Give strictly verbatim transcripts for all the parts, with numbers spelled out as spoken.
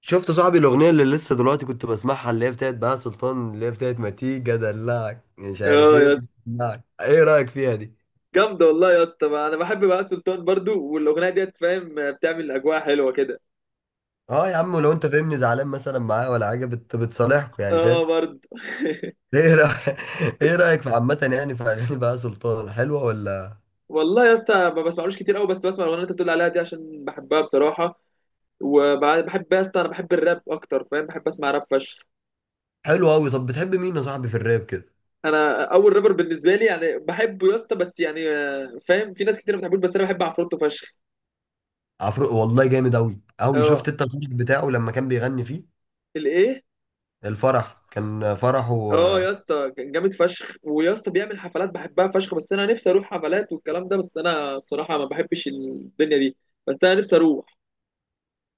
شفت صاحبي الاغنيه اللي لسه دلوقتي كنت بسمعها، اللي هي بتاعت بقى سلطان، اللي هي بتاعت ما تيجي ادلعك مش عارف اه يا ايه، اسطى. أدلعك. ايه رايك فيها دي؟ جامده والله يا اسطى، ما انا بحب بقى سلطان برضو، والاغنيه ديت فاهم بتعمل اجواء حلوه كده. اه يا عم، ولو انت فاهمني زعلان مثلا معاه ولا حاجه، بت... بتصالحكوا يعني، اه فاهم؟ برضو. ايه رايك ايه رايك في عامه، يعني في اغاني بقى سلطان، حلوه ولا؟ والله يا اسطى ما بسمعلوش كتير قوي، بس بسمع الاغنيه اللي انت بتقول عليها دي عشان بحبها بصراحه. وبحب يا اسطى، انا بحب الراب اكتر فاهم، بحب اسمع راب فشخ. حلوه قوي. طب بتحب مين يا صاحبي في الراب كده؟ انا اول رابر بالنسبه لي يعني بحبه يا اسطى، بس يعني آه، فاهم في ناس كتير ما بتحبوش، بس انا بحب عفروتو فشخ. عفروق والله، جامد قوي قوي. شفت اه. انت الفرح بتاعه لما كان بيغني فيه؟ الايه. الفرح كان فرحه. اه يا اسطى كان جامد فشخ، ويا اسطى بيعمل حفلات بحبها فشخ، بس انا نفسي اروح حفلات والكلام ده، بس انا بصراحه ما بحبش الدنيا دي. بس انا نفسي اروح.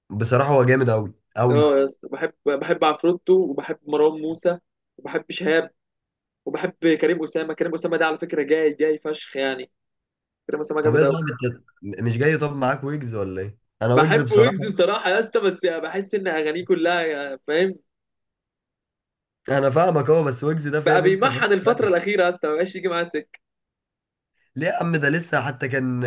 بصراحه هو جامد قوي قوي. اه يا اسطى، بحب بحب عفروتو، وبحب مروان موسى، وبحب شهاب، وبحب كريم اسامه. كريم اسامه ده على فكره جاي جاي فشخ يعني. كريم اسامه طب ايه جامد يا قوي. صاحبي انت، م- مش جاي؟ طب معاك ويجز ولا ايه؟ انا ويجز بحب بصراحة. ويجز بصراحه يا اسطى، بس بحس ان اغانيه كلها فاهم. انا فاهمك اهو، بس ويجز ده بقى فاهم انت، بيمحن فاهم الفتره ثانية. الاخيره يا اسطى، ما بقاش يجي معاه سكه. ليه يا عم؟ ده لسه حتى كان،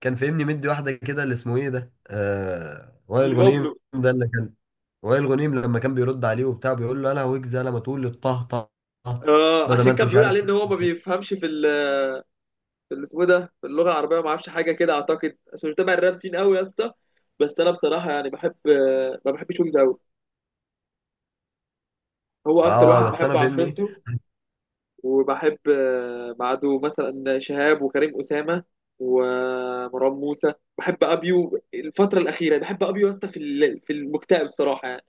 كان فاهمني مدي واحدة كده، اللي اسمه ايه ده؟ آه... وائل غنيم لبابلو. ده اللي كان، وائل غنيم لما كان بيرد عليه وبتاع، بيقول له انا ويجز، انا ما تقول لي الطه طه طه، اه، بدل ما عشان انت كان مش بيقول عارف عليه ان تقول هو ما كده. بيفهمش في، في اللي اسمه إيه ده، في اللغه العربيه ما اعرفش حاجه كده، اعتقد عشان مش متابع الراب سين قوي يا اسطى. بس انا بصراحه يعني بحب. ما بحبش ويجز قوي. هو اكتر اه واحد بس بحب انا فاهمني ايه؟ عفرنته. وبحب آه، بعده مثلا شهاب وكريم اسامه ومروان موسى. بحب ابيو الفتره الاخيره، بحب ابيو يا اسطى في ال- في المكتئب صراحه يعني.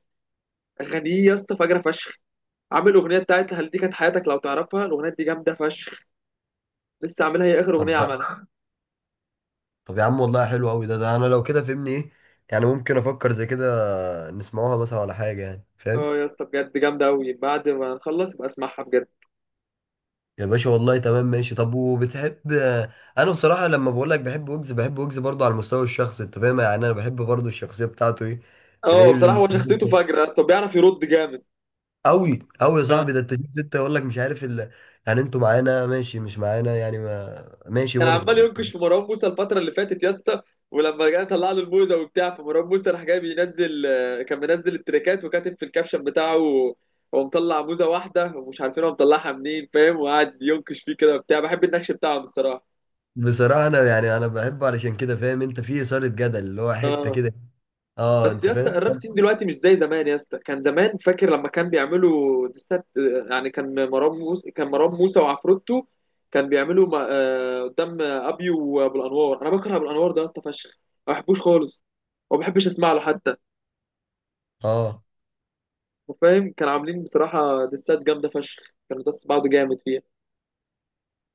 اغانيه يا اسطى فجره فشخ. عامل اغنيه بتاعت هل دي كانت حياتك، لو تعرفها الاغنيه دي جامده فشخ. لسه عاملها، هي اخر اغنيه طب عملها. طب يا عم والله حلو قوي، ده ده انا لو كده فاهمني ايه؟ يعني ممكن افكر زي كده نسمعوها مثلا ولا حاجة يعني، اه فاهم؟ يا اسطى بجد جامده قوي، بعد ما نخلص يبقى اسمعها بجد. يا باشا والله تمام، ماشي. طب وبتحب؟ انا بصراحه لما بقول لك بحب ويجز، بحب ويجز برضه على المستوى الشخصي انت فاهم، يعني انا بحب برضه الشخصيه بتاعته، ايه. اه تلاقيه بصراحه بال- هو شخصيته فجره يا اسطى، بيعرف يرد جامد. قوي قوي يا صاحبي. ده انت تجيب سته يقول لك مش عارف ال... يعني انتوا معانا، ماشي، مش معانا، يعني ما ماشي كان برضه. عمال ينكش في مروان موسى الفتره اللي فاتت يا اسطى، ولما جه طلع له الموزه وبتاع، فمروان موسى راح جاي بينزل، آه، كان منزل التريكات وكاتب في الكابشن بتاعه، هو مطلع موزه واحده ومش عارفين هو مطلعها منين فاهم، وقعد ينكش فيه كده وبتاع، بحب النكش بتاعهم الصراحه. بصراحه انا يعني انا بحبه علشان كده فاهم، انت في اثاره جدل اللي هو حته اه، كده. اه بس انت يا اسطى فاهم. الراب سين دلوقتي مش زي زمان يا اسطى، كان زمان فاكر لما كان بيعملوا ديسات. يعني كان مروان موسى كان مروان موسى وعفروتو، كان بيعملوا ما- آه، قدام ابي وابو الانوار. انا بكره ابو الانوار ده يا اسطى فشخ، ما بحبوش خالص، وما بحبش اسمع له حتى اه فاهم. كانوا عاملين بصراحه ديسات جامده فشخ، كانوا داس بعض جامد فيها.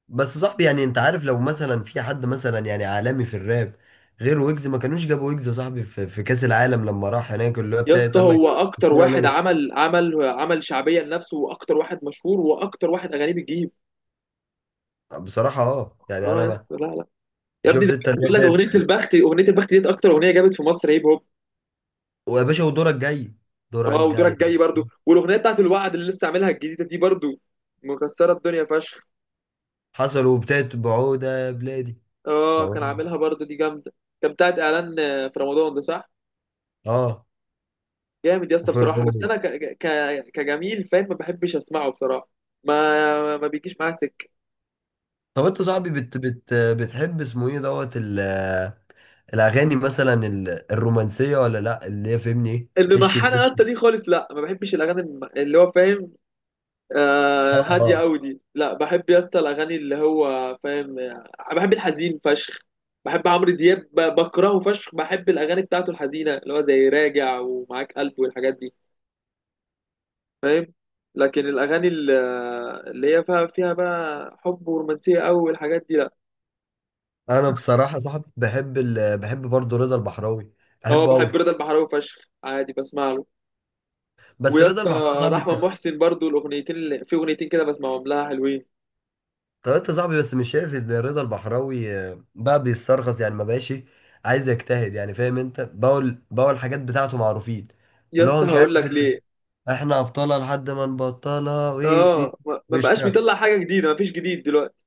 بس صاحبي، يعني انت عارف لو مثلا في حد مثلا يعني عالمي في الراب غير ويجز، ما كانوش جابوا ويجز يا صاحبي في, في كأس العالم لما راح هناك، اللي هو يا بتاعت اسطى قال لك هو اكتر الكورة واحد لغة. عمل عمل عمل شعبيه لنفسه، واكتر واحد مشهور، واكتر واحد اغانيه بتجيب. بصراحة اه يعني اه انا يا ما... اسطى لا لا، يا ابني شفت ده انت اللي هي بيقول لك بتاعت؟ اغنيه البخت اغنيه البخت ديت اكتر اغنيه جابت في مصر هيب هوب. ويا باشا، ودورك جاي، دورك اه ودورك جاي. جاي برضو، والاغنيه بتاعت الوعد اللي لسه عاملها الجديده دي برضو مكسره الدنيا فشخ. حصل، وبتاعت بعودة يا بلادي. اه اه كان عاملها برضو، دي جامده. كان بتاعت اعلان آه، في رمضان ده صح. اه، جامد يا اسطى بصراحه، بس وفرعون. انا ك... ك... كجميل فاهم، ما بحبش اسمعه بصراحه، ما ما بيجيش معاه سكه. طب انت صاحبي بت بت بتحب اسمه ايه دوت ال- الاغاني مثلا، ال- الرومانسية ولا لا، اللي هي فهمني ايه، هش الممحنه يا الجش؟ اسطى دي خالص لا، ما بحبش الاغاني الم- اللي هو فاهم، آه اه هادية آه. أوي دي لا. بحب يا اسطى الأغاني اللي هو فاهم. بحب الحزين فشخ. بحب عمرو دياب، ب- بكرهه فشخ. بحب الأغاني بتاعته الحزينة اللي هو زي راجع ومعاك قلب والحاجات دي فاهم. لكن الأغاني ال- اللي هي فيها فيها بقى حب ورومانسية أوي والحاجات دي لا. انا بصراحه صاحب، بحب ال... بحب برضه رضا البحراوي، هو بحبه بحب قوي. رضا البحراوي فشخ عادي بسمع له. بس ويا رضا اسطى البحراوي صاحبي رحمة انت. محسن برضو، الأغنيتين اللي في أغنيتين كده بسمعهم لها حلوين. طب انت صاحبي، بس مش شايف ان رضا البحراوي آه، بقى بيسترخص يعني، ما بقاش إيه، عايز يجتهد يعني، فاهم انت؟ بقول بقول الحاجات بتاعته معروفين، يا اللي هو اسطى مش عارف هقول لك إن ليه. احنا ابطالها لحد ما نبطلها، وايه إيه، إيه، اه ما ما بقاش بيشتغل، بيطلع حاجة جديدة، ما فيش جديد دلوقتي.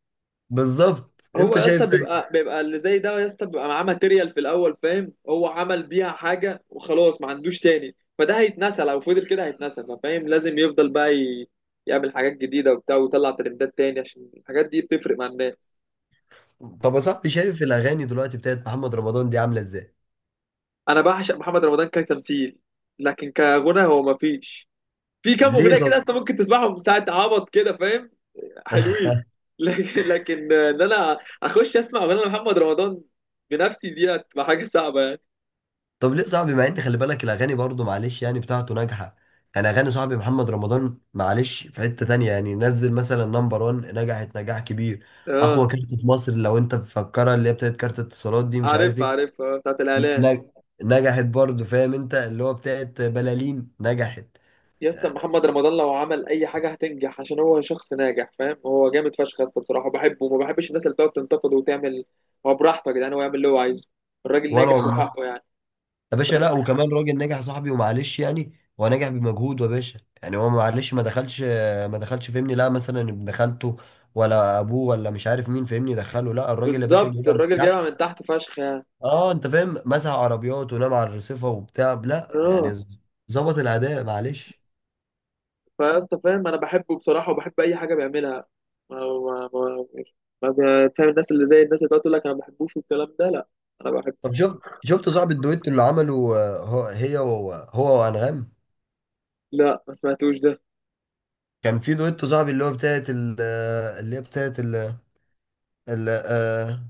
بالظبط، هو انت يا شايف اسطى ده إيه؟ بيبقى بيبقى اللي زي ده يا اسطى بيبقى معاه ماتيريال في الاول فاهم، هو عمل بيها حاجه وخلاص، ما عندوش تاني، فده هيتنسى، لو فضل كده هيتنسى فاهم. لازم يفضل بقى ي... يعمل حاجات جديده وبتاع، ويطلع ترندات تاني عشان الحاجات دي بتفرق مع الناس. طب يا صاحبي، شايف الاغاني دلوقتي بتاعت محمد رمضان دي عامله ازاي؟ انا بعشق محمد رمضان كتمثيل، لكن كغنى هو ما فيش، في كام ليه اغنيه كده طب؟ اصلا ممكن تسمعهم ساعه عبط كده فاهم، حلوين. لكن لكن ان انا اخش اسمع اغنيه لمحمد رمضان بنفسي، دي هتبقى حاجه صعبه يعني. طب ليه صاحبي، مع ان خلي بالك الاغاني برضو معلش يعني بتاعته ناجحه، يعني اغاني صاحبي محمد رمضان معلش في حته تانية، يعني نزل مثلا نمبر واحد، نجحت نجاح كبير. اقوى اه، كارت في مصر لو انت مفكرها، اللي هي بتاعت كارت اتصالات دي مش عارف عارف ايه. عارف، آه، بتاعت ن- الاعلان. نج- نجحت برضو فاهم انت، اللي هو بتاعت بلالين نجحت. يا اسطى آه، محمد رمضان لو عمل اي حاجه هتنجح، عشان هو شخص ناجح فاهم، هو جامد فشخ يا اسطى بصراحه، بحبه، وما بحبش الناس اللي بتقعد تنتقده وتعمل. هو براحته يا جدعان، هو يعمل اللي هو عايزه، الراجل وانا ناجح والله، وحقه يعني. يا باشا لا، وكمان راجل نجح صاحبي ومعلش يعني، هو نجح بمجهوده يا باشا، يعني هو معلش ما دخلش، ما دخلش فهمني لا مثلا ابن خالته، ولا ابوه، ولا مش عارف مين فهمني دخله، لا الراجل يا باشا بالظبط جايبها من الراجل جايبها تحت. من تحت فشخ يعني. اه انت فاهم، مسح عربيات ونام على الرصيفه وبتاع، لا يعني اه، ز- ظبط الاداء معلش. فيا اسطى فاهم انا بحبه بصراحه، وبحب اي حاجه بيعملها، ما ما ما, ما ما- فاهم، الناس اللي زي الناس اللي بتقعد تقول لك انا ما بحبوش والكلام ده لا، انا بحب. طب شفت شفت صاحب الدويتو اللي عمله آه، هو هي وهو هو وانغام؟ لا ما سمعتوش ده. كان في دويتو صاحبي اللي هو بتاعت ال- آه، اللي هي بتاعت ال- ال- آه،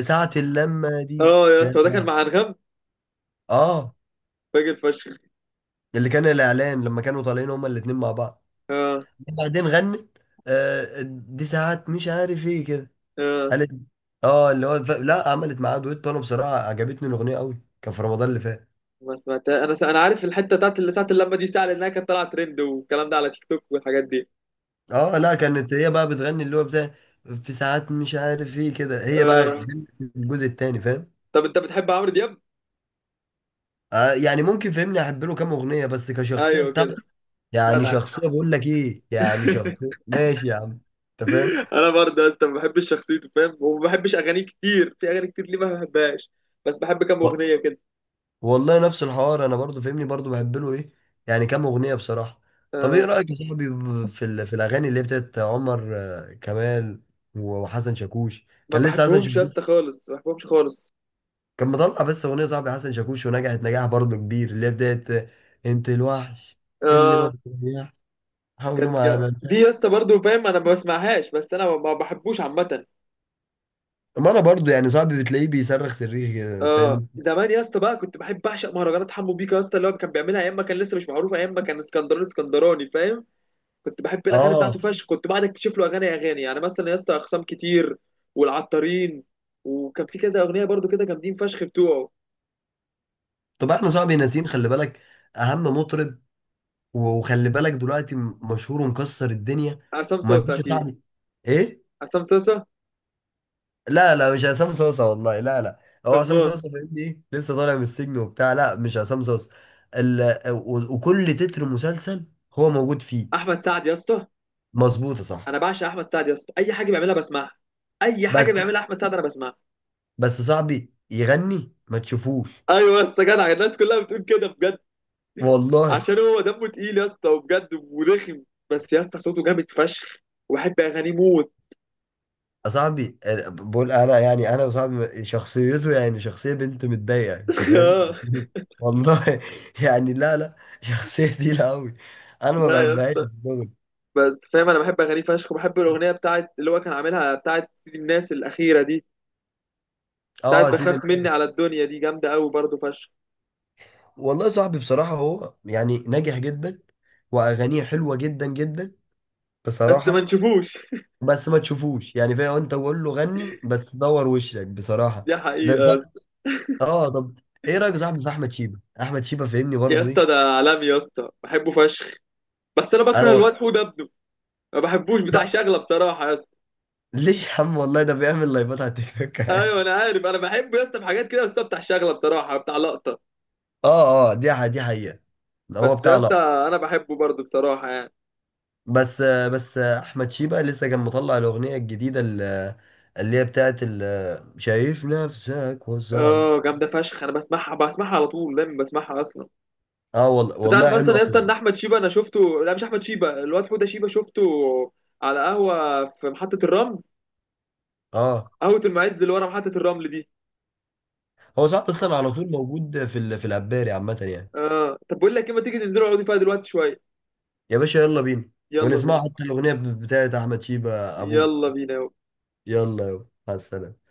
ساعة اللمة دي اه يا اسطى ده كان ساعة. مع انغام. اه، فاجر فشخ. اللي كان الاعلان لما كانوا طالعين هما الاتنين مع بعض اه. بعدين غنت، آه دي ساعات مش عارف ايه كده، اه قالت اه اللي هو ف... لا عملت معاه دويتو، انا بصراحه عجبتني الاغنيه قوي، كان في رمضان اللي فات. ما سمعتها انا، س... انا عارف الحته بتاعت اللي ساعه اللمه دي ساعه لانها كانت طالعه ترند والكلام ده على تيك توك والحاجات دي. اه لا، كانت هي بقى بتغني اللي هو بتاع، في ساعات مش عارف ايه كده، هي بقى آه... غنت الجزء التاني فاهم. طب انت بتحب عمرو دياب؟ آه يعني ممكن فهمني احب له كام اغنيه، بس كشخصيه ايوه كده، بتاعته، يعني جدع. شخصيه بقول لك ايه، يعني شخصيه ماشي يا عم، انت فاهم. انا برضه يا اسطى ما بحبش شخصيته فاهم، وما بحبش اغانيه كتير، في اغاني كتير ليه ما بحبهاش، بس بحب كام اغنيه كده. والله نفس الحوار، انا برضو فاهمني برضو بحب له ايه، يعني كام اغنيه بصراحه. طب ايه آه، رايك يا صاحبي في ال- في الاغاني اللي هي بتاعت عمر آه، كمال، وحسن شاكوش؟ ما كان لسه حسن بحبهمش يا اسطى شاكوش خالص، ما بحبهمش خالص. كان مطلع بس اغنيه صاحبي حسن شاكوش، ونجحت نجاح برضو كبير، اللي هي بتاعت آه، انت الوحش اللي ما آه، بتريحش، حاولوا كانت ما جا... عملتش. دي يا اسطى برضه فاهم انا ما بسمعهاش، بس انا ما ما بحبوش عامه. ما انا برضو يعني صاحبي بتلاقيه بيصرخ صريخ كده، فاهم اه انت؟ زمان يا اسطى بقى كنت بحب بعشق مهرجانات حمو بيكا يا اسطى، اللي هو كان بيعملها ايام ما كان لسه مش معروف، ايام ما كان اسكندراني اسكندراني فاهم. كنت بحب الاغاني بتاعته اه فشخ، كنت بعد اكتشف له اغاني اغاني، يعني مثلا يا اسطى اقسام كتير والعطارين، وكان في كذا اغنيه برضو كده جامدين فشخ بتوعه. طب احنا صاحبي ناسيين، خلي بالك، اهم مطرب، وخلي بالك دلوقتي م- مشهور ومكسر الدنيا، عصام صوصه ومفيش يا اكيد. صاحبي، ايه؟ عصام صوصه. لا لا مش عصام صوصه، والله لا لا، هو عصام امه. صوصه فاهمني ايه لسه طالع من السجن وبتاع، لا مش عصام صوصه. ال... و- وكل تتر مسلسل هو موجود فيه. احمد سعد يا اسطى. مظبوط يا انا صاحبي. بعشق احمد سعد يا اسطى، اي حاجه بيعملها بسمعها. اي بس حاجه بيعملها احمد سعد انا بسمعها. بس صاحبي يغني ما تشوفوش. ايوه يا اسطى جدع، الناس كلها بتقول كده بجد. والله عشان هو دمه تقيل يا اسطى وبجد ورخم، بس يا اسطى صوته جامد فشخ، وبحب اغانيه موت. صاحبي، أنا بقول انا، يعني انا وصاحبي شخصيته، يعني شخصيه بنت متضايقه انت فاهم. آه. والله يعني، لا لا، شخصيه تقيله قوي، انا ما لا يا بحبهاش في اسطى. الشغل. بس فاهم انا بحب اغانيه فشخ، وبحب الاغنيه بتاعت اللي هو كان عاملها بتاعت سيدي الناس الاخيره دي، بتاعت اه يا سيدي بخاف مني النبي. على الدنيا، دي جامده قوي برضه فشخ. والله صاحبي بصراحه هو يعني ناجح جدا، واغانيه حلوه جدا جدا بس ما بصراحه. نشوفوش. بس ما تشوفوش، يعني فاهم انت، قول له غني بس دور وشك بصراحه، دي ده حقيقه يا صاحبي. اسطى. اه طب ايه رايك يا صاحبي في احمد شيبه؟ احمد شيبه فاهمني يا برضه اسطى ده ايه؟ عالمي يا اسطى، بحبه فشخ، بس انا انا بكره و... الواد حوده ابنه، ما بحبوش بتاع شغله بصراحه يا اسطى. ليه يا عم والله ده بيعمل لايفات على تيك توك ايوه عادي. انا عارف، انا بحبه يا اسطى في حاجات كده، بس هو بتاع شغله بصراحه، بتاع لقطه. اه اه دي ح- دي حقيقة، هو بس يا بتاع اسطى لا. انا بحبه برضه بصراحه يعني. بس بس احمد شيبة لسه كان مطلع الاغنية الجديدة ال- اللي هي بتاعت ال- شايف نفسك وصلت. اه جامده فشخ، انا بسمعها بسمعها على طول، دايما بسمعها اصلا. اه والله انت تعرف والله اصلا حلو يا قوي اسطى ان يعني. احمد شيبه انا شفته، لا مش احمد شيبه، الواد حوده شيبه شفته، على قهوه في محطه الرمل، اه، قهوه المعز اللي ورا محطه الرمل دي. هو صاحب اصلا على طول موجود في ال... في العباري عامة يعني. اه طب بقول لك ايه، ما تيجي ننزلوا نقعدوا فيها دلوقتي شويه؟ يا باشا يلا بينا، يلا بينا. ونسمع حتى الاغنية بتاعت احمد شيبة ابوه. يلا بينا. يلا يلا مع السلامة.